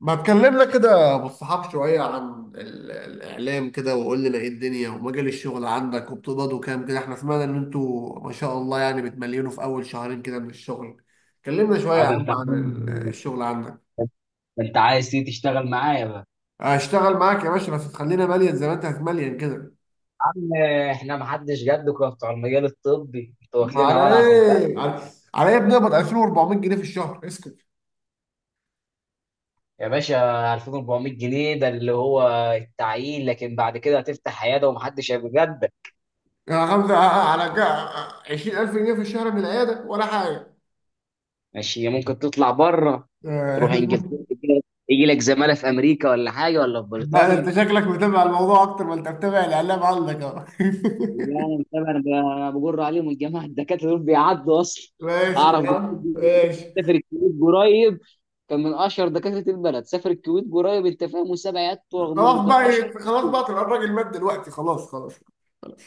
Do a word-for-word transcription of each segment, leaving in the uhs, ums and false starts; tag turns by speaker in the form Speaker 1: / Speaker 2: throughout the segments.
Speaker 1: ما تكلمنا كده بالصحاب شوية عن ال- الإعلام كده، وقول لنا إيه الدنيا ومجال الشغل عندك، وبتقبضوا كام كده؟ إحنا سمعنا إن أنتوا ما شاء الله يعني بتمليونوا في أول شهرين كده من الشغل. كلمنا شوية يا
Speaker 2: اه ده
Speaker 1: عم
Speaker 2: انت
Speaker 1: عن ال-
Speaker 2: عايز-
Speaker 1: الشغل عندك.
Speaker 2: ده انت عايز تيجي تشتغل معايا بقى.
Speaker 1: هشتغل معاك يا باشا، بس تخلينا مليان زي ما أنت هتمليان كده.
Speaker 2: عم، احنا ما حدش جدكم بتوع المجال الطبي، انتوا
Speaker 1: ما على
Speaker 2: واكلينها ولعه في البلد.
Speaker 1: إيه على, على إيه؟ بنقبض ألفين وأربع ميت جنيه في الشهر، اسكت
Speaker 2: يا باشا، ألفين وأربعمية جنيه ده اللي هو التعيين، لكن بعد كده هتفتح عياده ومحدش هيبقى جدك.
Speaker 1: يا غمزة على عشرين ألف جنيه في الشهر من العيادة ولا حاجة.
Speaker 2: ماشي، ممكن تطلع بره، تروح انجلترا، يجي لك زماله في امريكا ولا حاجه، ولا في
Speaker 1: لا ده انت
Speaker 2: بريطانيا.
Speaker 1: شكلك متابع الموضوع اكتر ما انت متابع الاعلام عندك اهو.
Speaker 2: لا انا متابع، انا ب- بجر عليهم الجماعه الدكاتره دول بيعدوا اصلا.
Speaker 1: ماشي
Speaker 2: اعرف
Speaker 1: يا
Speaker 2: دكتور
Speaker 1: عم،
Speaker 2: بيقول لي
Speaker 1: ماشي.
Speaker 2: سافر الكويت قريب، كان من اشهر دكاتره البلد، سافر الكويت قريب، انت فاهم، وساب عيادته رغم انه
Speaker 1: خلاص
Speaker 2: كان
Speaker 1: بقى
Speaker 2: اشهر.
Speaker 1: إيه، خلاص بقى تبقى الراجل مات دلوقتي، خلاص خلاص.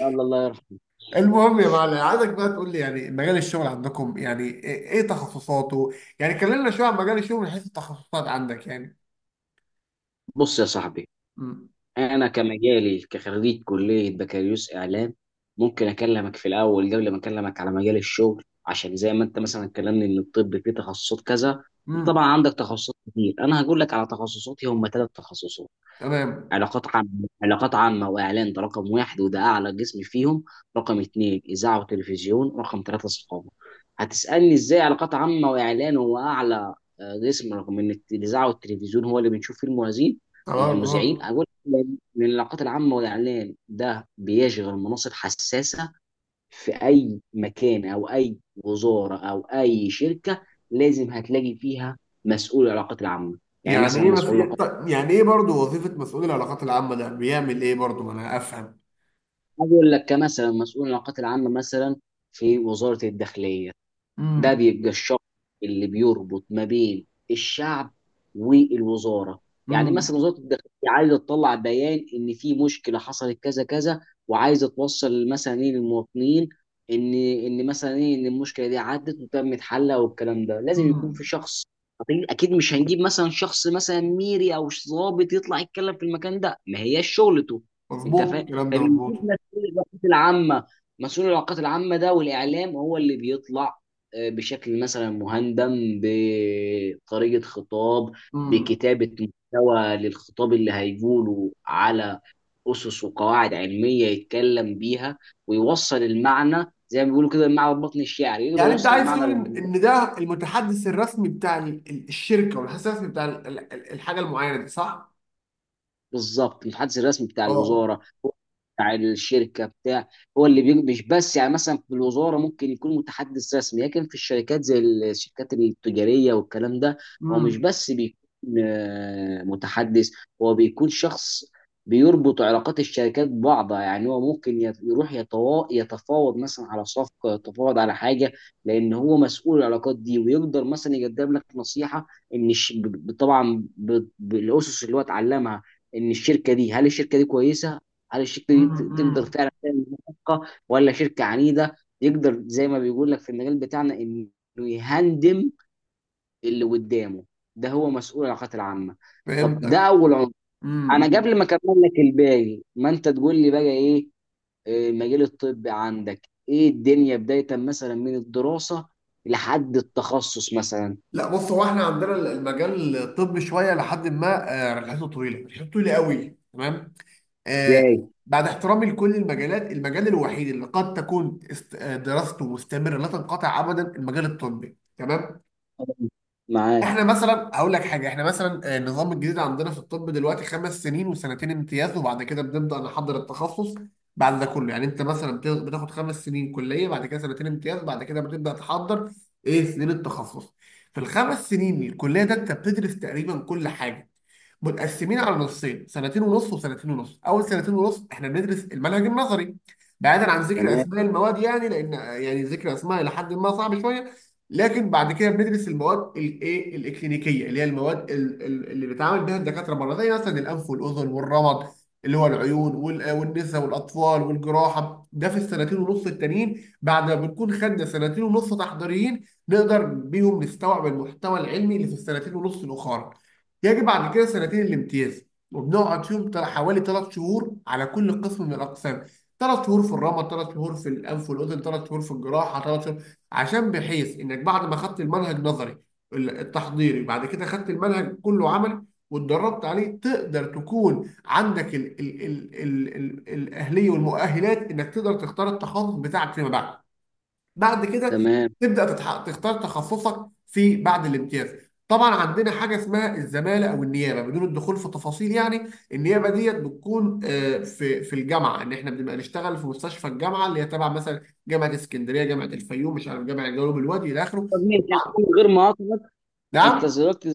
Speaker 2: الله، الله يرحمه.
Speaker 1: المهم يا معلم، عايزك بقى تقول لي يعني مجال الشغل عندكم يعني ايه إيه تخصصاته. يعني كلمنا شويه عن مجال الشغل من حيث التخصصات عندك يعني.
Speaker 2: بص يا صاحبي،
Speaker 1: امم.
Speaker 2: انا كمجالي كخريج كليه بكالوريوس اعلام، ممكن اكلمك في الاول قبل ما اكلمك على مجال الشغل، عشان زي ما انت مثلا كلمني ان الطب فيه تخصصات كذا.
Speaker 1: امم.
Speaker 2: طبعا عندك تخصصات كتير، انا هقول لك على تخصصاتي، هم ثلاث تخصصات.
Speaker 1: تمام.
Speaker 2: علاقات عامة، علاقات عامة وإعلان، ده رقم واحد وده أعلى قسم فيهم. رقم اتنين إذاعة وتلفزيون، رقم ثلاثة ثقافة. هتسألني إزاي علاقات عامة وإعلان هو أعلى آه، قسم، رغم إن الت- الإذاعة والتلفزيون هو اللي بنشوف فيه المذيعين.
Speaker 1: تمام. اه.
Speaker 2: المذيعين أقول لأن العلاقات العامة والإعلان ده بيشغل مناصب حساسة في أي مكان أو أي وزارة أو أي شركة، لازم هتلاقي فيها مسؤول العلاقات العامة. يعني
Speaker 1: يعني
Speaker 2: مثلا
Speaker 1: ايه مس...
Speaker 2: مسؤول،
Speaker 1: يعني ايه برضو وظيفه مسؤول العلاقات العامه ده بيعمل ايه برضو، ما انا افهم.
Speaker 2: عايز اقول لك كمثلا مسؤول العلاقات العامه مثلا في وزاره الداخليه، ده
Speaker 1: امم.
Speaker 2: بيبقى الشخص اللي بيربط ما بين الشعب والوزاره. يعني مثلا وزاره الداخليه عايزه تطلع بيان ان في مشكله حصلت كذا كذا، وعايزه توصل مثلا ايه للمواطنين، ان ان مثلا ايه ان المشكله دي عدت وتمت حلها، والكلام ده لازم يكون في
Speaker 1: امم.
Speaker 2: شخص. أكيد أكيد مش هنجيب مثلا شخص مثلا ميري أو ضابط يطلع يتكلم في المكان ده، ما هياش شغلته. أنت
Speaker 1: مظبوط
Speaker 2: فاهم،
Speaker 1: الكلام ده،
Speaker 2: فبنجيب
Speaker 1: مظبوط.
Speaker 2: مسؤول العلاقات العامة، مسؤول العلاقات العامة ده والإعلام هو اللي بيطلع بشكل مثلا مهندم، بطريقة خطاب،
Speaker 1: امم.
Speaker 2: بكتابة محتوى للخطاب اللي هيقوله، على أسس وقواعد علمية يتكلم بيها، ويوصل المعنى زي ما بيقولوا كده، المعنى البطن الشعري يقدر
Speaker 1: يعني انت
Speaker 2: يوصل
Speaker 1: عايز
Speaker 2: المعنى
Speaker 1: تقول ان
Speaker 2: للموضوع.
Speaker 1: إن ده المتحدث الرسمي بتاع ال- ال- الشركه، والمتحدث الرسمي بتاع ال- ال- ال- الحاجه المعينه دي، صح؟
Speaker 2: بالظبط، المتحدث الرسمي بتاع
Speaker 1: اه.
Speaker 2: الوزارة، بتاع الشركه، بتاع، هو اللي بي- مش بس يعني مثلا في الوزاره ممكن يكون متحدث رسمي، لكن في الشركات زي الشركات التجاريه والكلام ده، هو مش
Speaker 1: امم.
Speaker 2: بس بيكون آه، متحدث، هو بيكون شخص بيربط علاقات الشركات ببعضها، يعني هو ممكن يت- يروح يتوا- يتفاوض مثلا على صفقه، يتفاوض على حاجه، لان هو مسؤول العلاقات دي، ويقدر مثلا يقدم لك نصيحه ان الش- ب- طبعا ب- بالاسس اللي هو اتعلمها، ان الشركه دي، هل الشركه دي كويسه، هل الشركه دي ت- تقدر
Speaker 1: امم.
Speaker 2: فعلا تعمل صفقه، ولا شركه عنيده، يقدر زي ما بيقول لك في المجال بتاعنا انه يهندم اللي قدامه. ده هو مسؤول العلاقات العامه. طب ده
Speaker 1: فهمتك.
Speaker 2: اول عنصر. انا
Speaker 1: امم.
Speaker 2: قبل ما اكمل لك الباقي، ما انت تقول لي بقى ايه آه، المجال الطبي عندك، ايه الدنيا بدايه مثلا من الدراسه لحد التخصص مثلا؟
Speaker 1: لا بص، هو احنا عندنا المجال الطبي شويه، لحد ما آه، رحلته طويله، رحلته طويله قوي، تمام. آه،
Speaker 2: ازاي؟
Speaker 1: بعد احترامي لكل المجالات، المجال الوحيد اللي قد تكون است- آه، دراسته مستمره لا تنقطع ابدا، المجال الطبي، تمام. احنا
Speaker 2: معاك
Speaker 1: مثلا اقول لك حاجه، احنا مثلا آه، النظام الجديد عندنا في الطب دلوقتي خمس سنين وسنتين امتياز، وبعد كده بنبدا نحضر التخصص. بعد ده كله يعني انت مثلا بت- بتاخد خمس سنين كليه، بعد كده سنتين امتياز، بعد كده بتبدا تحضر ايه سنين التخصص. في الخمس سنين الكليه ده انت بتدرس تقريبا كل حاجه، متقسمين على نصين، سنتين ونص وسنتين ونص. اول سنتين ونص احنا بندرس المنهج النظري، بعيدا عن ذكر
Speaker 2: تمام
Speaker 1: اسماء المواد يعني، لان يعني ذكر اسماء الى حد ما صعب شويه. لكن بعد كده بندرس المواد الايه الاكلينيكيه اللي هي المواد ال- ال- اللي بيتعامل بها الدكاتره بره، زي مثلا الانف والاذن والرمد اللي هو العيون، وال- والنساء والاطفال والجراحه. ده في السنتين ونص التانيين، بعد ما بنكون خدنا سنتين ونص تحضيريين نقدر بيهم نستوعب المحتوى العلمي اللي في السنتين ونص الاخرى. يجب عن كده سنتين الامتياز، وبنقعد فيهم تل- حوالي ثلاث شهور على كل قسم من الاقسام. ثلاث شهور في الرمد، ثلاث شهور في الانف والاذن، ثلاث شهور في الجراحه، ثلاث شهور، عشان بحيث انك بعد ما خدت المنهج نظري ال- التحضيري، بعد كده خدت المنهج كله عملي، واتدربت عليه تقدر تكون عندك ال ال ال ال ال الاهليه والمؤهلات، انك تقدر تختار التخصص بتاعك فيما بعد. بعد كده
Speaker 2: تمام.
Speaker 1: تبدا تتح- تختار تخصصك في بعد الامتياز. طبعا عندنا حاجه اسمها الزماله او النيابه، بدون الدخول في تفاصيل يعني. النيابه ديت بتكون آه، في في الجامعه، ان احنا بنبقى نشتغل في مستشفى الجامعه اللي هي تبع مثلا جامعه اسكندريه، جامعه الفيوم، مش عارف، جامعه جنوب الوادي الى اخره.
Speaker 2: طب ماشي، أنا من غير مقاطعه، انت
Speaker 1: نعم.
Speaker 2: دلوقتي،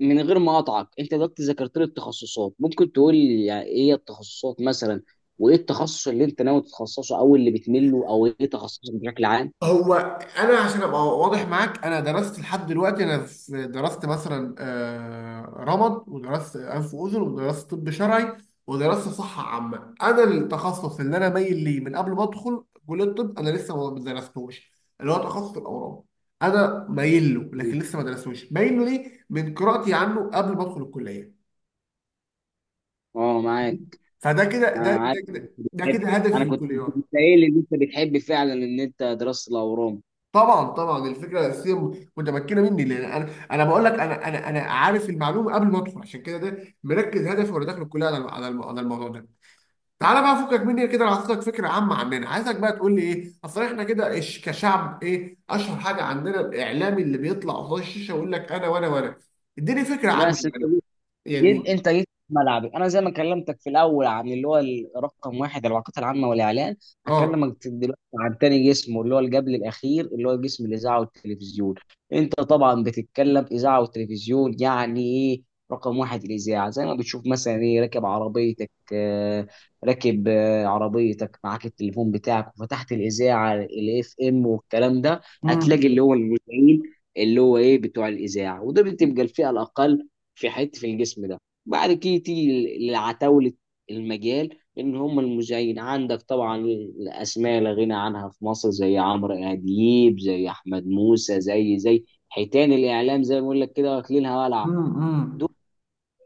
Speaker 2: من غير ما اقطعك، انت دلوقتي ذكرت لي التخصصات، ممكن تقول لي يعني ايه هي التخصصات مثلا، وايه التخصص اللي انت ناوي تتخصصه، او اللي بتميل له، او ايه تخصصك بشكل عام؟
Speaker 1: هو انا عشان ابقى واضح معاك، انا درست لحد دلوقتي انا في، درست مثلا آه، رمد، ودرست انف واذن، ودرست طب شرعي، ودرست صحه عامه. انا التخصص اللي انا مايل ليه من قبل ما ادخل كليه الطب انا لسه ما درستوش، اللي هو تخصص الاورام. انا مايل له لكن لسه ما درستوش، مايل له ليه من قراءتي عنه قبل ما ادخل الكليه،
Speaker 2: اه معاك.
Speaker 1: فده كده ده
Speaker 2: انا
Speaker 1: ده
Speaker 2: عارف ان انت
Speaker 1: كده ده
Speaker 2: بتحب،
Speaker 1: كده هدفي
Speaker 2: انا
Speaker 1: في
Speaker 2: كنت
Speaker 1: الكليه.
Speaker 2: كنت قايل ان انت بتحب فعلا ان انت دراسة الاورام.
Speaker 1: طبعا طبعا الفكره الاساسيه م- متمكنه مني، لان انا انا بقول لك، انا انا انا عارف المعلومه قبل ما ادخل، عشان كده ده مركز هدفي وانا داخل الكليه على على الم- على الموضوع ده. تعالى بقى فكك مني كده، انا هعطيك فكره عامه عننا، عايزك بقى تقول لي ايه، اصل احنا كده إش- كشعب ايه اشهر حاجه عندنا. الاعلامي اللي بيطلع قصاد الشاشه ويقول لك انا وانا وانا، اديني فكره عنه
Speaker 2: بس
Speaker 1: يعني.
Speaker 2: جيت،
Speaker 1: يعني.
Speaker 2: انت جيت في ملعبي. انا زي ما كلمتك في الاول عن اللي هو رقم واحد العلاقات العامه والاعلان،
Speaker 1: اه.
Speaker 2: هكلمك دلوقتي عن تاني جسم، واللي هو اللي قبل الاخير، اللي هو جسم الاذاعه والتلفزيون. انت طبعا بتتكلم اذاعه وتلفزيون يعني ايه. رقم واحد الاذاعه، زي ما بتشوف مثلا ايه راكب عربيتك آه، راكب آه، عربيتك معاك التليفون بتاعك وفتحت الاذاعه الاف ام والكلام ده،
Speaker 1: امم.
Speaker 2: هتلاقي اللي هو المذيعين، اللي هو ايه بتوع الاذاعه، وده بتبقى الفئه الاقل في حته في الجسم ده. بعد كده تيجي لعتاوله المجال، ان هم المذيعين عندك طبعا الاسماء لا غنى عنها في مصر، زي عمرو اديب، زي احمد موسى، زي زي حيتان الاعلام، زي ما بقول لك كده واكلينها ولعه.
Speaker 1: امم.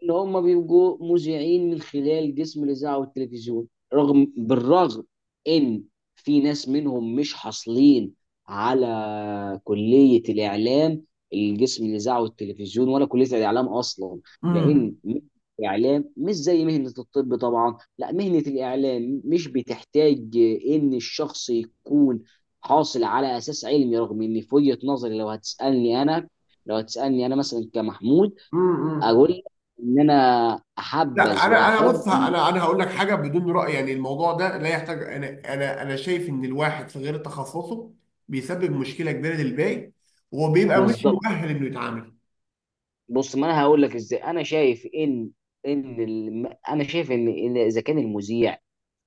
Speaker 2: ان هم بيبقوا مذيعين من خلال جسم الاذاعه والتلفزيون، رغم بالرغم ان في ناس منهم مش حاصلين على كليه الاعلام، الجسم الاذاعه والتلفزيون ولا كليه الاعلام اصلا،
Speaker 1: امم.
Speaker 2: لان مهنة الاعلام مش زي مهنه الطب طبعا، لا مهنه الاعلام مش بتحتاج ان الشخص يكون حاصل على اساس علمي، رغم ان في وجهه نظري، لو هتسالني انا، لو هتسالني انا مثلا كمحمود،
Speaker 1: امم.
Speaker 2: اقول لك ان انا
Speaker 1: لا
Speaker 2: احبذ
Speaker 1: انا انا
Speaker 2: واحب.
Speaker 1: بص، انا انا هقول لك حاجه بدون راي يعني، الموضوع ده لا يحتاج. انا انا انا شايف ان الواحد في غير تخصصه بيسبب مشكله كبيره للباقي، وبيبقى مش
Speaker 2: بالظبط.
Speaker 1: مؤهل انه يتعامل.
Speaker 2: بص، ما انا هقول لك ازاي انا شايف ان ان الم... انا شايف ان إن اذا كان المذيع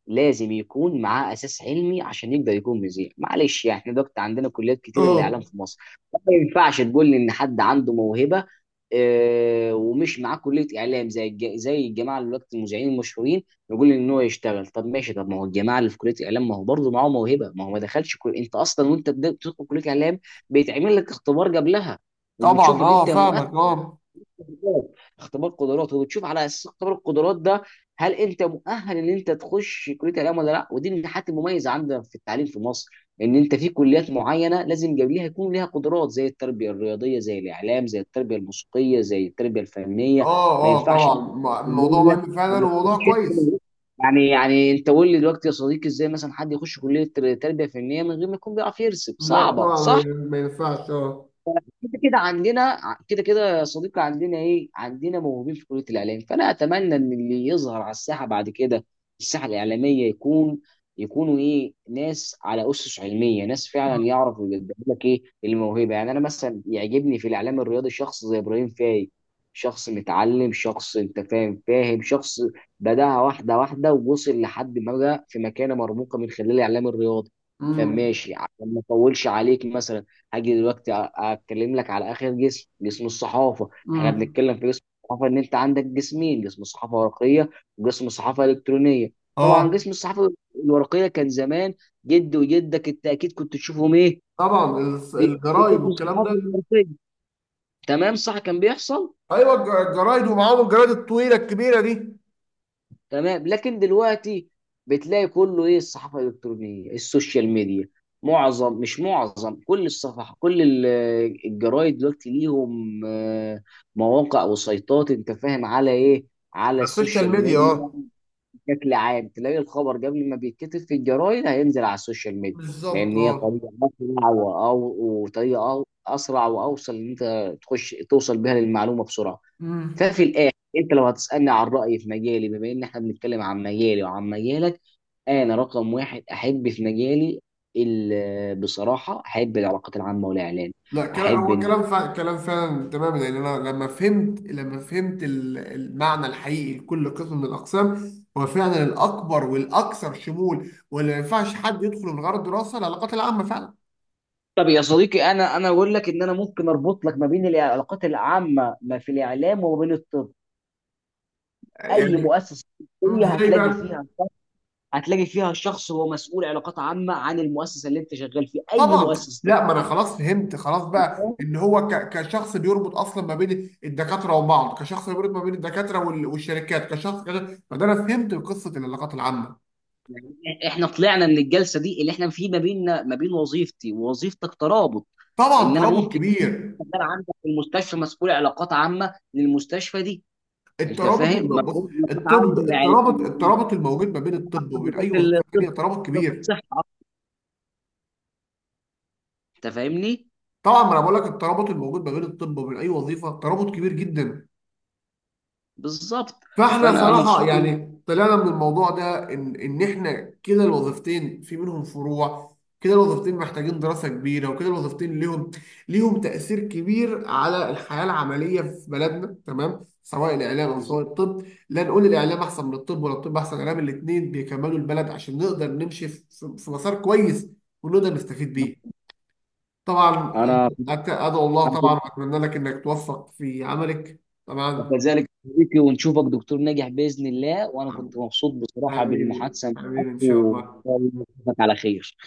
Speaker 2: لازم يكون معاه اساس علمي عشان يقدر يكون مذيع، معلش يعني احنا دلوقتي عندنا كليات كتير الاعلام
Speaker 1: اه.
Speaker 2: في مصر. ما ينفعش تقول لي ان حد عنده موهبه آه، ومش معاه كليه اعلام، زي الج- زي الجماعه اللي دلوقتي المذيعين المشهورين، يقول لي ان هو يشتغل. طب ماشي، طب ما هو الجماعه اللي في كليه اعلام، ما هو برضه معاه موهبه، ما هو ما دخلش كل... انت اصلا وانت بت- بتدخل كليه اعلام، بيتعمل لك اختبار قبلها، وبتشوف
Speaker 1: طبعا.
Speaker 2: ان
Speaker 1: اه،
Speaker 2: انت مؤهل،
Speaker 1: فاهمك. اه.
Speaker 2: قدرات، اختبار قدرات، وبتشوف على اساس اختبار القدرات ده هل انت مؤهل ان انت تخش كليه الاعلام ولا لا. ودي من الحاجات المميزه عندنا في التعليم في مصر، ان انت في كليات معينه لازم قبلها يكون لها قدرات، زي التربيه الرياضيه، زي الاعلام، زي التربيه الموسيقيه، زي التربيه الفنيه.
Speaker 1: اه.
Speaker 2: ما
Speaker 1: اه
Speaker 2: ينفعش
Speaker 1: طبعا.
Speaker 2: إن أنت تخش
Speaker 1: م- الموضوع
Speaker 2: كليه
Speaker 1: مهم فعلا،
Speaker 2: وما
Speaker 1: وموضوع
Speaker 2: تكونش انت
Speaker 1: كويس.
Speaker 2: من- يعني يعني انت قول لي دلوقتي يا صديقي، ازاي مثلا حد يخش كليه تربيه فنيه من غير ما يكون بيعرف يرسم؟
Speaker 1: لا
Speaker 2: صعبه
Speaker 1: طبعا
Speaker 2: صح.
Speaker 1: ما ينفعش. اه.
Speaker 2: كده كده عندنا ع- كده كده يا صديقي عندنا ايه، عندنا موهوبين في كليه الاعلام، فانا اتمنى ان اللي يظهر على الساحه بعد كده، الساحه الاعلاميه، يكون، يكونوا ايه، ناس على اسس علميه، ناس فعلا يعرفوا يقدموا لك ايه الموهبه. يعني انا مثلا يعجبني في الاعلام الرياضي شخص زي ابراهيم فايق، شخص متعلم، شخص انت فاهم فاهم شخص بداها واحده واحده ووصل لحد ما بقى في مكانه مرموقه من خلال الاعلام الرياضي. طب
Speaker 1: امم.
Speaker 2: ماشي، عشان ما اطولش عليك، مثلا هاجي دلوقتي اتكلم لك على اخر جسم، جسم الصحافه. احنا
Speaker 1: امم.
Speaker 2: بنتكلم في جسم الصحافه، ان انت عندك جسمين، جسم صحافه ورقيه، وجسم صحافه الكترونيه. طبعا
Speaker 1: اه.
Speaker 2: جسم الصحافه الورقيه، كان زمان جد وجدك انت اكيد كنت تشوفهم ايه
Speaker 1: طبعا. الس- الجرايد
Speaker 2: بيكتبوا في
Speaker 1: والكلام ده.
Speaker 2: الصحافه الورقيه. تمام صح، كان بيحصل.
Speaker 1: ايوه الج- الجرايد، ومعاهم الجرايد الطويله الكبيره دي.
Speaker 2: تمام، لكن دلوقتي بتلاقي كله ايه الصحافه الالكترونيه، السوشيال ميديا، معظم مش معظم، كل الصفحه، كل ال- الجرايد دلوقتي ليهم آه، مواقع وسيطات، انت فاهم على ايه، على
Speaker 1: على السوشيال
Speaker 2: السوشيال
Speaker 1: ميديا.
Speaker 2: ميديا.
Speaker 1: اه،
Speaker 2: بشكل عام تلاقي الخبر قبل ما بيتكتب في الجرايد، هينزل على السوشيال ميديا،
Speaker 1: بالظبط.
Speaker 2: لان هي
Speaker 1: اه.
Speaker 2: طريقه اسرع وأو- وطريقه أو- اسرع واوصل، ان انت تخش توصل بها للمعلومه بسرعه.
Speaker 1: امم.
Speaker 2: ففي الاخر انت لو هتسالني عن رايي في مجالي، بما ان احنا بنتكلم عن مجالي وعن مجالك، انا رقم واحد احب في مجالي ال- بصراحه احب العلاقات العامه والاعلان.
Speaker 1: لا، كلام
Speaker 2: احب
Speaker 1: هو
Speaker 2: ان،
Speaker 1: كلام فعلا، كلام فعلا، تمام. لان انا لما فهمت لما فهمت ال- المعنى الحقيقي لكل قسم من الاقسام، هو فعلا الاكبر والاكثر شمول، واللي ما ينفعش حد يدخل من غير الدراسه، العلاقات العامه فعلا.
Speaker 2: طب يا صديقي انا انا اقول لك ان انا ممكن اربط لك ما بين العلاقات العامه ما في الاعلام وما بين الطب. اي
Speaker 1: يعني.
Speaker 2: مؤسسه طبيه
Speaker 1: ازاي
Speaker 2: هتلاقي
Speaker 1: بقى؟
Speaker 2: فيها، هتلاقي فيها شخص هو مسؤول علاقات عامه عن المؤسسه اللي انت شغال فيها، اي
Speaker 1: طبعا.
Speaker 2: مؤسسه
Speaker 1: لا ما انا
Speaker 2: طبيه.
Speaker 1: خلاص فهمت، خلاص بقى ان هو ك- كشخص بيربط اصلا ما بين الدكاتره وبعض، كشخص بيربط ما بين الدكاتره وال- والشركات، كشخص كده. فده انا فهمت قصه العلاقات العامه.
Speaker 2: يعني احنا طلعنا من الجلسه دي اللي احنا في ما بيننا ما بين وظيفتي ووظيفتك ترابط،
Speaker 1: طبعا،
Speaker 2: ان انا
Speaker 1: ترابط
Speaker 2: ممكن
Speaker 1: كبير.
Speaker 2: شغال عندك في المستشفى مسؤول علاقات عامه للمستشفى دي. انت
Speaker 1: الترابط
Speaker 2: فاهم
Speaker 1: الم- بص،
Speaker 2: مسؤول علاقات
Speaker 1: الطب،
Speaker 2: عامه يعني.
Speaker 1: الترابط الترابط الموجود ما بين الطب
Speaker 2: مسؤول
Speaker 1: وبين اي وظيفه
Speaker 2: علاقات الطب،
Speaker 1: ثانيه ترابط
Speaker 2: وزارة
Speaker 1: كبير.
Speaker 2: الصحه، انت فاهمني.
Speaker 1: طبعا، ما انا بقول لك الترابط الموجود ما بين الطب وبين اي وظيفه ترابط كبير جدا.
Speaker 2: بالظبط.
Speaker 1: فاحنا
Speaker 2: فانا مبسوط
Speaker 1: صراحة
Speaker 2: إن-
Speaker 1: يعني طلعنا من الموضوع ده، ان ان احنا كده الوظيفتين في منهم فروع، كده الوظيفتين محتاجين دراسة كبيرة، وكده الوظيفتين ليهم ليهم تأثير كبير على الحياة العملية في بلدنا. تمام، سواء الإعلام أو سواء
Speaker 2: بالظبط.
Speaker 1: الطب، لا نقول الإعلام أحسن من الطب ولا الطب أحسن من الإعلام، الاتنين بيكملوا البلد عشان نقدر نمشي في في- في مسار كويس، ونقدر نستفيد بيه. طبعا.
Speaker 2: انا
Speaker 1: أت- أدعو الله
Speaker 2: أنا
Speaker 1: طبعا
Speaker 2: كنت-
Speaker 1: وأتمنى لك إنك توفق في عملك. طبعا،
Speaker 2: كذلك صديقي، ونشوفك دكتور ناجح باذن الله. وانا كنت مبسوط بصراحه
Speaker 1: حبيبي
Speaker 2: بالمحادثه معاك،
Speaker 1: حبيبي، إن شاء
Speaker 2: وان
Speaker 1: الله.
Speaker 2: شاء الله نشوفك على خير.